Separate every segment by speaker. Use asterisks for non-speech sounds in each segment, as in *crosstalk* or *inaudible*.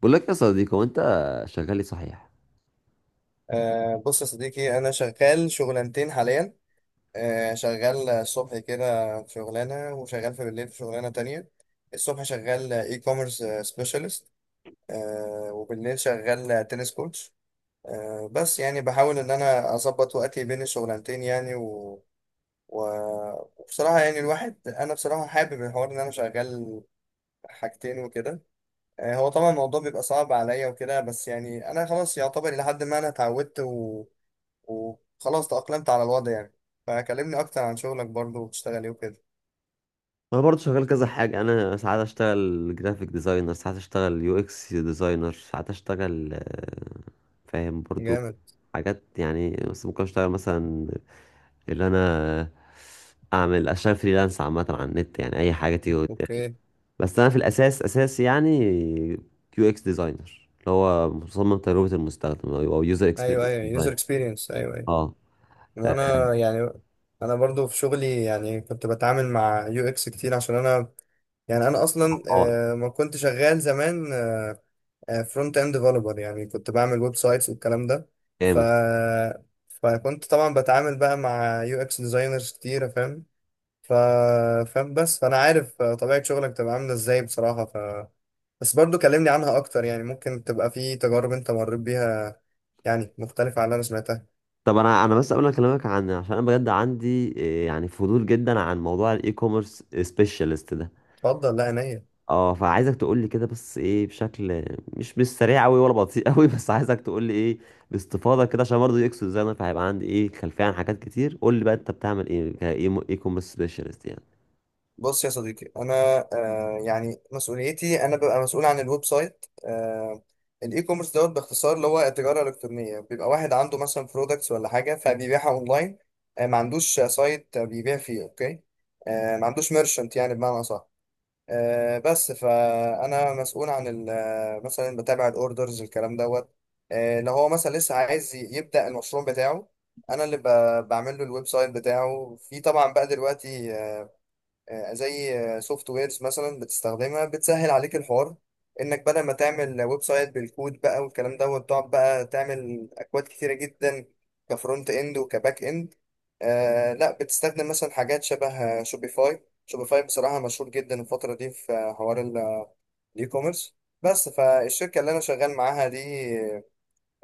Speaker 1: بقول لك يا صديقي، هو انت شغال ايه صحيح؟
Speaker 2: أه، بص يا صديقي، أنا شغال شغلانتين حاليا. شغال الصبح كده في شغلانة، وشغال بالليل في شغلانة تانية. الصبح شغال اي كوميرس سبيشالست، وبالليل شغال تنس كوتش. بس يعني بحاول إن أنا أظبط وقتي بين الشغلانتين يعني و... وبصراحة يعني الواحد، أنا بصراحة حابب الحوار إن أنا شغال حاجتين وكده. هو طبعا الموضوع بيبقى صعب عليا وكده، بس يعني أنا خلاص يعتبر إلى حد ما أنا اتعودت، وخلاص تأقلمت على الوضع يعني. فكلمني أكتر عن شغلك برضو، وبتشتغل إيه وكده.
Speaker 1: انا برضه شغال كذا حاجه. انا ساعات اشتغل جرافيك ديزاينر، ساعات اشتغل يو اكس ديزاينر، ساعات اشتغل فاهم برضه.
Speaker 2: جامد.
Speaker 1: حاجات يعني، بس ممكن اشتغل مثلا اللي انا اعمل اشتغل فريلانس عامه على النت، يعني اي حاجه تيجي قدامي.
Speaker 2: اوكي.
Speaker 1: بس انا في الاساس اساسي يعني يو اكس ديزاينر، اللي هو مصمم تجربه المستخدم او يوزر
Speaker 2: ايوه
Speaker 1: اكسبيرينس
Speaker 2: ايوه، يوزر
Speaker 1: ديزاينر.
Speaker 2: اكسبيرينس، ايوه ايوه.
Speaker 1: اه
Speaker 2: وانا يعني انا برضو في شغلي، يعني كنت بتعامل مع يو اكس كتير عشان انا، يعني انا اصلا
Speaker 1: اه.
Speaker 2: ما كنت شغال زمان فرونت اند ديفلوبر، يعني كنت بعمل ويب سايتس والكلام ده. ف
Speaker 1: جامد.
Speaker 2: فكنت طبعا بتعامل بقى مع يو اكس ديزاينرز كتير، فاهم. ف فاهم، بس فانا عارف طبيعة شغلك تبقى عاملة ازاي بصراحة. بس برضو كلمني عنها اكتر، يعني ممكن تبقى في تجارب انت مريت بيها يعني مختلفة عن اللي انا سمعتها.
Speaker 1: طب انا، بس قبل ما اكلمك عن، عشان انا بجد عندي يعني فضول جدا عن موضوع الاي كوميرس سبيشالست ده.
Speaker 2: اتفضل، لا عينيا.
Speaker 1: اه، فعايزك تقول لي كده، بس ايه بشكل مش سريع قوي ولا بطيء قوي *laughs* بس عايزك تقول لي ايه باستفاضه كده، عشان برضه يكسر زي انا، فهيبقى عندي ايه خلفيه عن حاجات كتير. قول لي بقى انت بتعمل ايه كاي كوميرس سبيشالست يعني.
Speaker 2: بص يا صديقي انا، يعني مسؤوليتي، انا ببقى مسؤول عن الويب سايت. الاي كوميرس دوت باختصار، اللي هو التجاره الالكترونيه، بيبقى واحد عنده مثلا برودكتس ولا حاجه فبيبيعها اونلاين. ما عندوش سايت بيبيع فيه، اوكي. ما عندوش ميرشنت يعني، بمعنى صح. بس فانا مسؤول عن مثلا بتابع الاوردرز الكلام دوت. لو هو مثلا لسه عايز يبدا المشروع بتاعه، انا اللي بعمل له الويب سايت بتاعه. في طبعا بقى دلوقتي زي سوفت ويرز مثلا بتستخدمها بتسهل عليك الحوار، انك بدل ما تعمل ويب سايت بالكود بقى والكلام ده، وتقعد بقى تعمل اكواد كتيره جدا كفرونت اند وكباك اند. آه، لا، بتستخدم مثلا حاجات شبه شوبيفاي. شوبيفاي بصراحه مشهور جدا الفتره دي في حوار الاي كوميرس. بس فالشركه اللي انا شغال معاها دي،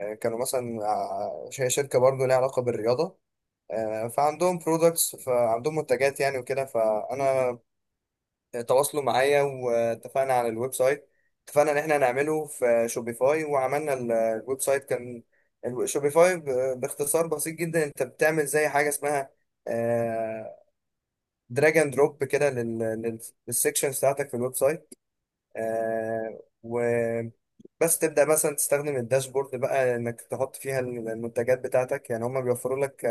Speaker 2: كانوا مثلا هي شركه برضه ليها علاقه بالرياضه. فعندهم برودكتس، فعندهم منتجات يعني وكده، فانا تواصلوا معايا واتفقنا على الويب سايت. اتفقنا ان احنا هنعمله في شوبيفاي، وعملنا الويب سايت. كان شوبيفاي باختصار بسيط جدا، انت بتعمل زي حاجه اسمها دراج اند دروب كده للسكشن بتاعتك في الويب سايت. آه، و بس تبدأ مثلا تستخدم الداشبورد بقى انك تحط فيها المنتجات بتاعتك، يعني هم بيوفروا لك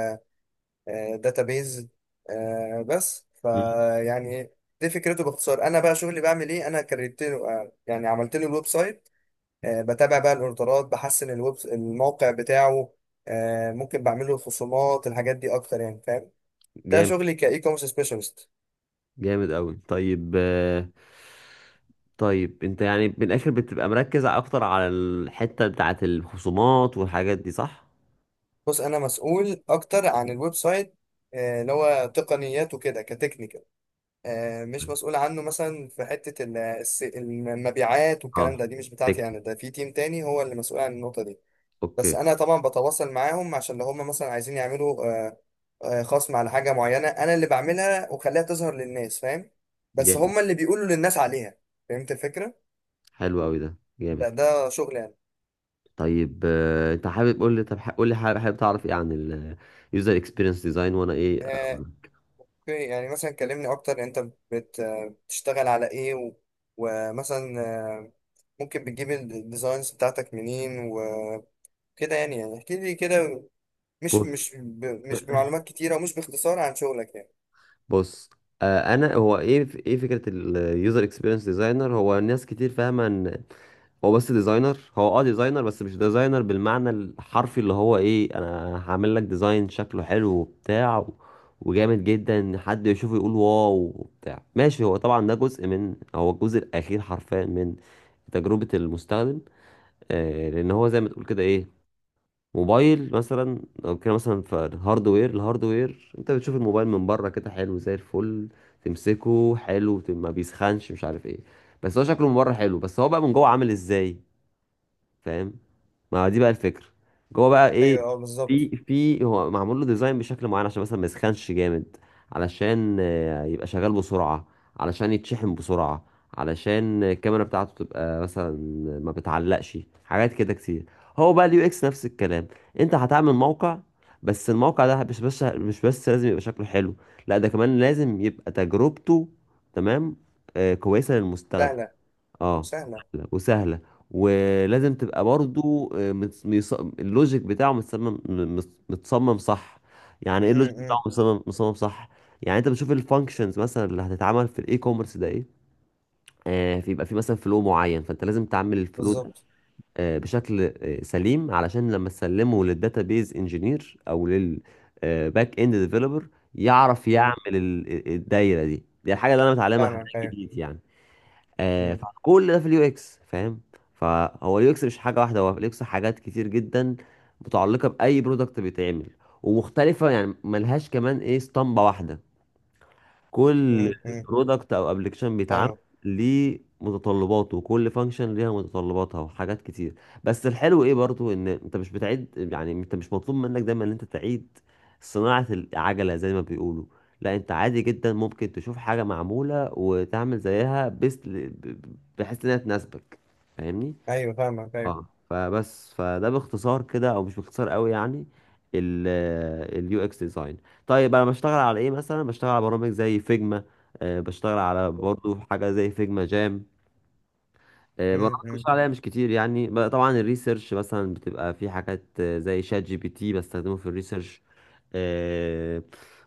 Speaker 2: داتابيز. بس
Speaker 1: مم،
Speaker 2: فيعني دي فكرته باختصار. انا بقى شغلي بعمل ايه، انا كريت له، يعني عملت له الويب سايت. بتابع بقى الاوردرات، بحسن الموقع بتاعه. ممكن بعمل له خصومات، الحاجات دي اكتر يعني، فاهم. ده
Speaker 1: جامد.
Speaker 2: شغلي كاي كوميرس سبيشالست.
Speaker 1: جامد قوي، طيب طيب انت يعني من الاخر بتبقى مركز اكتر على الحته بتاعت الخصومات والحاجات دي، صح؟
Speaker 2: بص، انا مسؤول اكتر عن الويب سايت، اللي هو تقنيات وكده، كتكنيكال. مش مسؤول عنه مثلا في حتة المبيعات والكلام
Speaker 1: اه،
Speaker 2: ده، دي مش بتاعتي انا. ده في تيم تاني هو اللي مسؤول عن النقطة دي. بس
Speaker 1: اوكي.
Speaker 2: انا طبعا بتواصل معاهم عشان لو هم مثلا عايزين يعملوا خصم على حاجه معينه، انا اللي بعملها وخليها تظهر للناس، فاهم. بس
Speaker 1: جامد.
Speaker 2: هم اللي بيقولوا للناس عليها. فهمت الفكره.
Speaker 1: حلو قوي، ده جامد.
Speaker 2: ده شغل يعني.
Speaker 1: طيب انت حابب قول لي، طب قول لي حابب، حابب تعرف ايه عن اليوزر اكسبيرينس ديزاين وانا ايه أقول
Speaker 2: آه،
Speaker 1: لك.
Speaker 2: اوكي، يعني مثلا كلمني اكتر. انت بتشتغل على ايه ومثلا، آه، ممكن بتجيب الديزاينز بتاعتك منين وكده. يعني احكي لي كده، مش
Speaker 1: بص
Speaker 2: مش ب- مش بمعلومات كتيره، ومش باختصار عن شغلك يعني.
Speaker 1: بص انا هو ايه، ايه فكره اليوزر اكسبيرينس ديزاينر؟ هو ناس كتير فاهمه ان هو بس ديزاينر، هو اه ديزاينر، بس مش ديزاينر بالمعنى الحرفي اللي هو ايه، انا هعمل لك ديزاين شكله حلو وبتاع وجامد جدا ان حد يشوفه يقول واو وبتاع، ماشي. هو طبعا ده جزء من، هو الجزء الاخير حرفيا من تجربة المستخدم. آه، لان هو زي ما تقول كده ايه، موبايل مثلا لو كده مثلا في الهاردوير، الهاردوير انت بتشوف الموبايل من بره كده حلو زي الفل، تمسكه حلو، ما بيسخنش، مش عارف ايه. بس هو شكله من بره حلو، بس هو بقى من جوه عامل ازاي؟ فاهم؟ ما هو دي بقى الفكره. جوه بقى ايه؟
Speaker 2: ايوه اه، بالظبط.
Speaker 1: في هو معمول له ديزاين بشكل معين، عشان مثلا ما يسخنش جامد، علشان يبقى شغال بسرعه، علشان يتشحن بسرعه، علشان الكاميرا بتاعته تبقى مثلا ما بتعلقش، حاجات كده كتير. هو بقى اليو اكس نفس الكلام. انت هتعمل موقع، بس الموقع ده مش بس لازم يبقى شكله حلو، لا ده كمان لازم يبقى تجربته، تمام، آه كويسه للمستخدم.
Speaker 2: سهله
Speaker 1: اه.
Speaker 2: وسهله.
Speaker 1: سهلة وسهلة. ولازم تبقى برضو اللوجيك بتاعه متصمم، متصمم صح. يعني ايه
Speaker 2: م-
Speaker 1: اللوجيك بتاعه
Speaker 2: م.
Speaker 1: متصمم، متصمم صح؟ يعني انت بتشوف الفانكشنز مثلا اللي هتتعمل في الاي كوميرس ده ايه، آه فيبقى في مثلا فلو معين، فانت لازم تعمل الفلو ده
Speaker 2: بالظبط.
Speaker 1: آه بشكل آه سليم، علشان لما تسلمه للداتابيز انجينير او للباك اند ديفلوبر يعرف يعمل
Speaker 2: مم.
Speaker 1: الدايره دي. دي الحاجه اللي انا متعلمها، حاجات
Speaker 2: فاهمك ايوه.
Speaker 1: جديد يعني.
Speaker 2: مم.
Speaker 1: فكل ده في اليو اكس، فاهم. فهو اليو اكس مش حاجه واحده، هو اليو اكس حاجات كتير جدا متعلقه باي برودكت بيتعمل، ومختلفه يعني ملهاش كمان ايه اسطمبه واحده. كل
Speaker 2: مم. مم.
Speaker 1: برودكت او ابلكيشن بيتعمل
Speaker 2: فاهمك
Speaker 1: ليه متطلباته، وكل فانكشن ليها متطلباتها وحاجات كتير. بس الحلو ايه برضو، ان انت مش بتعيد. يعني انت مش مطلوب منك دايما ان انت تعيد صناعة العجلة زي ما بيقولوا. لا، انت عادي جدا ممكن تشوف حاجة معمولة وتعمل زيها بس، بحيث انها تناسبك. فاهمني؟
Speaker 2: ايوه. فاهمك
Speaker 1: اه،
Speaker 2: ايوه.
Speaker 1: فده باختصار كده، او مش باختصار قوي يعني، اليو اكس ديزاين. طيب انا بشتغل على ايه؟ مثلا بشتغل على برامج زي فيجما، بشتغل على برضو حاجه زي فيجما جام. برامج
Speaker 2: مم. مم.
Speaker 1: بشتغل عليها مش كتير يعني. طبعا الريسيرش مثلا بتبقى في حاجات زي شات جي بي تي، بستخدمه في الريسيرش. آه،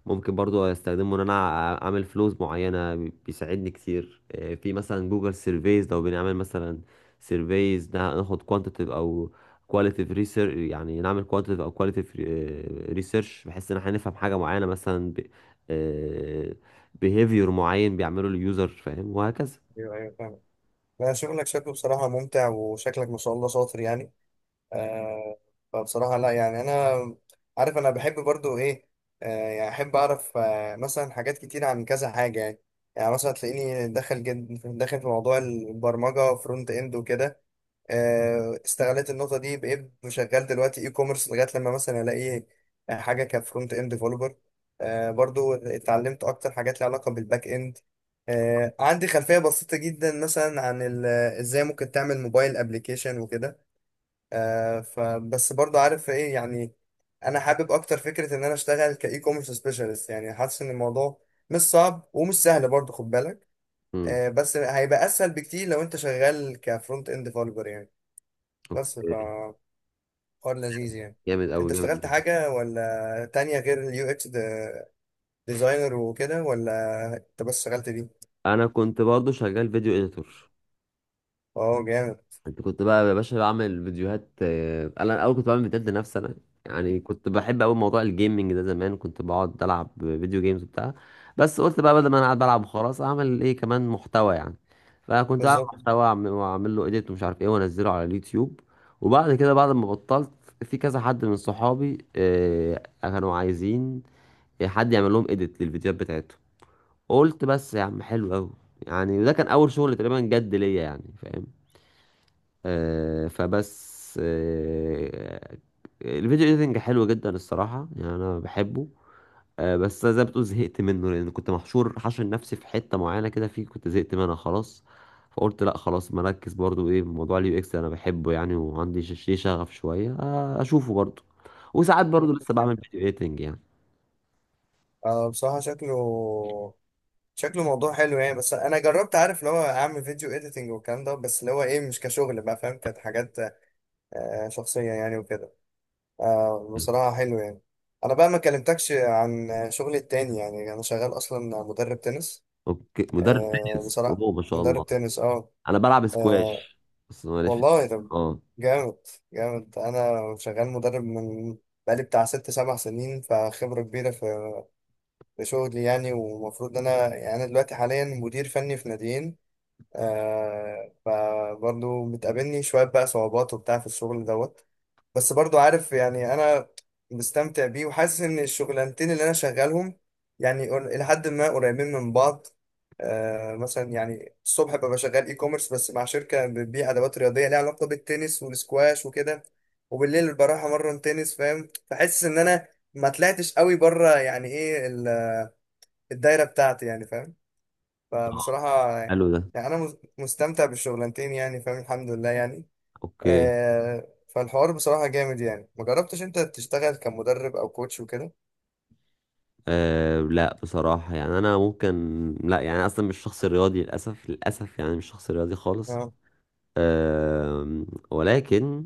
Speaker 1: ممكن برضو استخدمه ان انا اعمل فلوز معينة، بيساعدني كتير في مثلا جوجل سيرفيز. لو بنعمل مثلا سيرفيز، ناخد كوانتيتيف او كواليتيف ريسيرش، يعني نعمل كوانتيتيف او كواليتيف ريسيرش بحيث ان احنا نفهم حاجة معينة، مثلا بيهيفير معين بيعمله اليوزر، فاهم، وهكذا.
Speaker 2: ايوه ايوه، فاهمك. لا، شغلك شكله بصراحة ممتع، وشكلك ما شاء الله شاطر يعني. آه فبصراحة لا، يعني انا عارف انا بحب برضو ايه. يعني احب اعرف مثلا حاجات كتير عن كذا حاجة يعني. يعني مثلا تلاقيني داخل جد داخل في موضوع البرمجة فرونت اند وكده. استغلت النقطه دي بقيت شغال دلوقتي اي كوميرس، لغايه لما مثلا الاقي حاجه كفرونت اند ديفلوبر. برضو اتعلمت اكتر حاجات ليها علاقه بالباك اند. عندي خلفيه بسيطه جدا مثلا عن ازاي ممكن تعمل موبايل ابلكيشن وكده. فبس برضو عارف ايه يعني، انا حابب اكتر فكره ان انا اشتغل كاي كوميرس سبيشالست، يعني حاسس ان الموضوع مش صعب ومش سهل برضو، خد بالك. بس هيبقى اسهل بكتير لو انت شغال كفرونت اند ديفلوبر يعني. بس ف
Speaker 1: مم.
Speaker 2: حوار لذيذ يعني.
Speaker 1: جامد
Speaker 2: انت
Speaker 1: أوي، جامد
Speaker 2: اشتغلت
Speaker 1: أوي.
Speaker 2: حاجة ولا تانية غير اليو اكس ديزاينر وكده، ولا انت بس اشتغلت دي؟
Speaker 1: أنا كنت برضو شغال فيديو إديتور.
Speaker 2: اه جامد.
Speaker 1: أنت كنت بقى يا باشا بعمل فيديوهات أنا الأول كنت بعمل فيديوهات لنفسي أنا، يعني كنت بحب أوي موضوع الجيمنج ده. زمان كنت بقعد ألعب فيديو جيمز وبتاع، بس قلت بقى بدل ما أنا قاعد بلعب وخلاص، أعمل إيه كمان محتوى يعني. فكنت بعمل
Speaker 2: بالظبط.
Speaker 1: محتوى وأعمل، وأعمل له إديت ومش عارف إيه وأنزله على اليوتيوب. وبعد كده بعد ما بطلت، في كذا حد من صحابي كانوا عايزين حد يعمل لهم إديت للفيديوهات بتاعتهم. قلت بس يا عم حلو قوي يعني. وده كان اول شغل تقريبا جد ليا، يعني فاهم. آه، فبس آه الفيديو ايديتنج حلو جدا الصراحه، يعني انا بحبه. آه بس زي ما بتقول زهقت منه، لان كنت محشور حاشر نفسي في حته معينه كده، فيه كنت زهقت منها خلاص. فقلت لا خلاص، مركز برضو ايه موضوع اليو اكس، انا بحبه يعني وعندي ليه شغف شويه آه، اشوفه برضو. وساعات برضو لسه
Speaker 2: جامد.
Speaker 1: بعمل فيديو ايديتنج يعني.
Speaker 2: اه بصراحة، شكله موضوع حلو يعني. بس انا جربت، عارف اللي هو اعمل فيديو اديتنج والكلام ده، بس اللي هو ايه، مش كشغل بقى فاهم. كانت حاجات شخصية يعني وكده. آه،
Speaker 1: م.
Speaker 2: بصراحة حلو يعني. انا بقى ما كلمتكش عن شغلي التاني، يعني انا شغال اصلا مدرب تنس.
Speaker 1: اوكي، مدرب
Speaker 2: آه،
Speaker 1: تنس،
Speaker 2: بصراحة
Speaker 1: اوه ما شاء الله.
Speaker 2: مدرب تنس، اه.
Speaker 1: انا بلعب
Speaker 2: آه.
Speaker 1: سكواش بس ماليش في.
Speaker 2: والله، ده
Speaker 1: اه،
Speaker 2: جامد. جامد، انا شغال مدرب من، بقالي بتاع 6 7 سنين، فخبرة كبيرة في شغلي يعني. ومفروض إن انا، يعني انا دلوقتي حاليا مدير فني في ناديين. فبرضه بتقابلني شوية بقى صعوبات وبتاع في الشغل دوت. بس برضو عارف يعني انا مستمتع بيه، وحاسس ان الشغلانتين اللي انا شغالهم يعني لحد ما قريبين من بعض. مثلا يعني الصبح ببقى شغال اي كوميرس، بس مع شركه بتبيع ادوات رياضيه ليها علاقه بالتنس والسكواش وكده، وبالليل بروح امرن تنس، فاهم. فحاسس ان انا ما طلعتش قوي بره، يعني ايه الدايره بتاعتي يعني، فاهم.
Speaker 1: طبعا.
Speaker 2: فبصراحه
Speaker 1: حلو ده.
Speaker 2: يعني انا مستمتع بالشغلانتين، يعني فاهم، الحمد لله يعني.
Speaker 1: اوكي.
Speaker 2: فالحوار بصراحة جامد يعني. ما جربتش انت تشتغل كمدرب او كوتش وكده؟
Speaker 1: آه لا بصراحة يعني انا ممكن، لا يعني أنا اصلا مش شخص رياضي للاسف، للاسف يعني مش شخص رياضي خالص.
Speaker 2: اه.
Speaker 1: آه، ولكن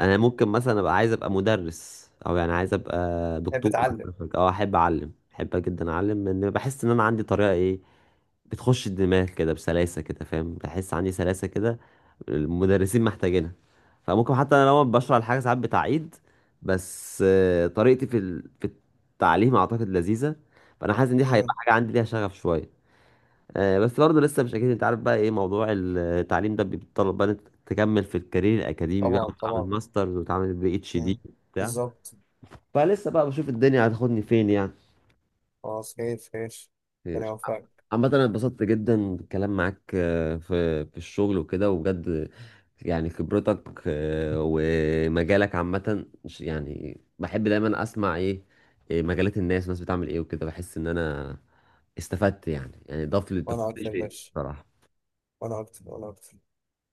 Speaker 1: انا ممكن مثلا ابقى عايز ابقى مدرس، او يعني عايز ابقى
Speaker 2: تحب
Speaker 1: دكتور
Speaker 2: تعلم.
Speaker 1: مثلا، او احب اعلم، احب جدا اعلم، لان بحس ان انا عندي طريقة ايه، بتخش الدماغ كده بسلاسة كده، فاهم، بحس عندي سلاسة كده المدرسين محتاجينها. فممكن حتى انا لو بشرح الحاجة ساعات بتعيد، بس طريقتي في في التعليم اعتقد لذيذة. فانا حاسس ان دي هيبقى
Speaker 2: امم.
Speaker 1: حاجة عندي ليها شغف شوية. بس برضه لسه مش اكيد، انت عارف بقى ايه موضوع التعليم ده بيتطلب بقى إن أنت تكمل في الكارير الاكاديمي بقى،
Speaker 2: طبعا
Speaker 1: وتعمل
Speaker 2: طبعا.
Speaker 1: ماسترز وتعمل بي اتش دي
Speaker 2: امم.
Speaker 1: بتاع.
Speaker 2: بالظبط.
Speaker 1: فلسه بقى بشوف الدنيا هتاخدني فين يعني.
Speaker 2: خلاص، خير خير. ربنا
Speaker 1: خير.
Speaker 2: يوفقك.
Speaker 1: عامة أنا اتبسطت جدا بالكلام معاك في في الشغل وكده، وبجد يعني خبرتك ومجالك عامة يعني بحب دايما أسمع إيه مجالات الناس، الناس بتعمل إيه وكده. بحس إن أنا استفدت يعني، يعني ضاف لي، ضفت
Speaker 2: وانا
Speaker 1: لي
Speaker 2: اكتر يا
Speaker 1: شيء
Speaker 2: باشا.
Speaker 1: بصراحة.
Speaker 2: وانا اكتر وانا اكتر.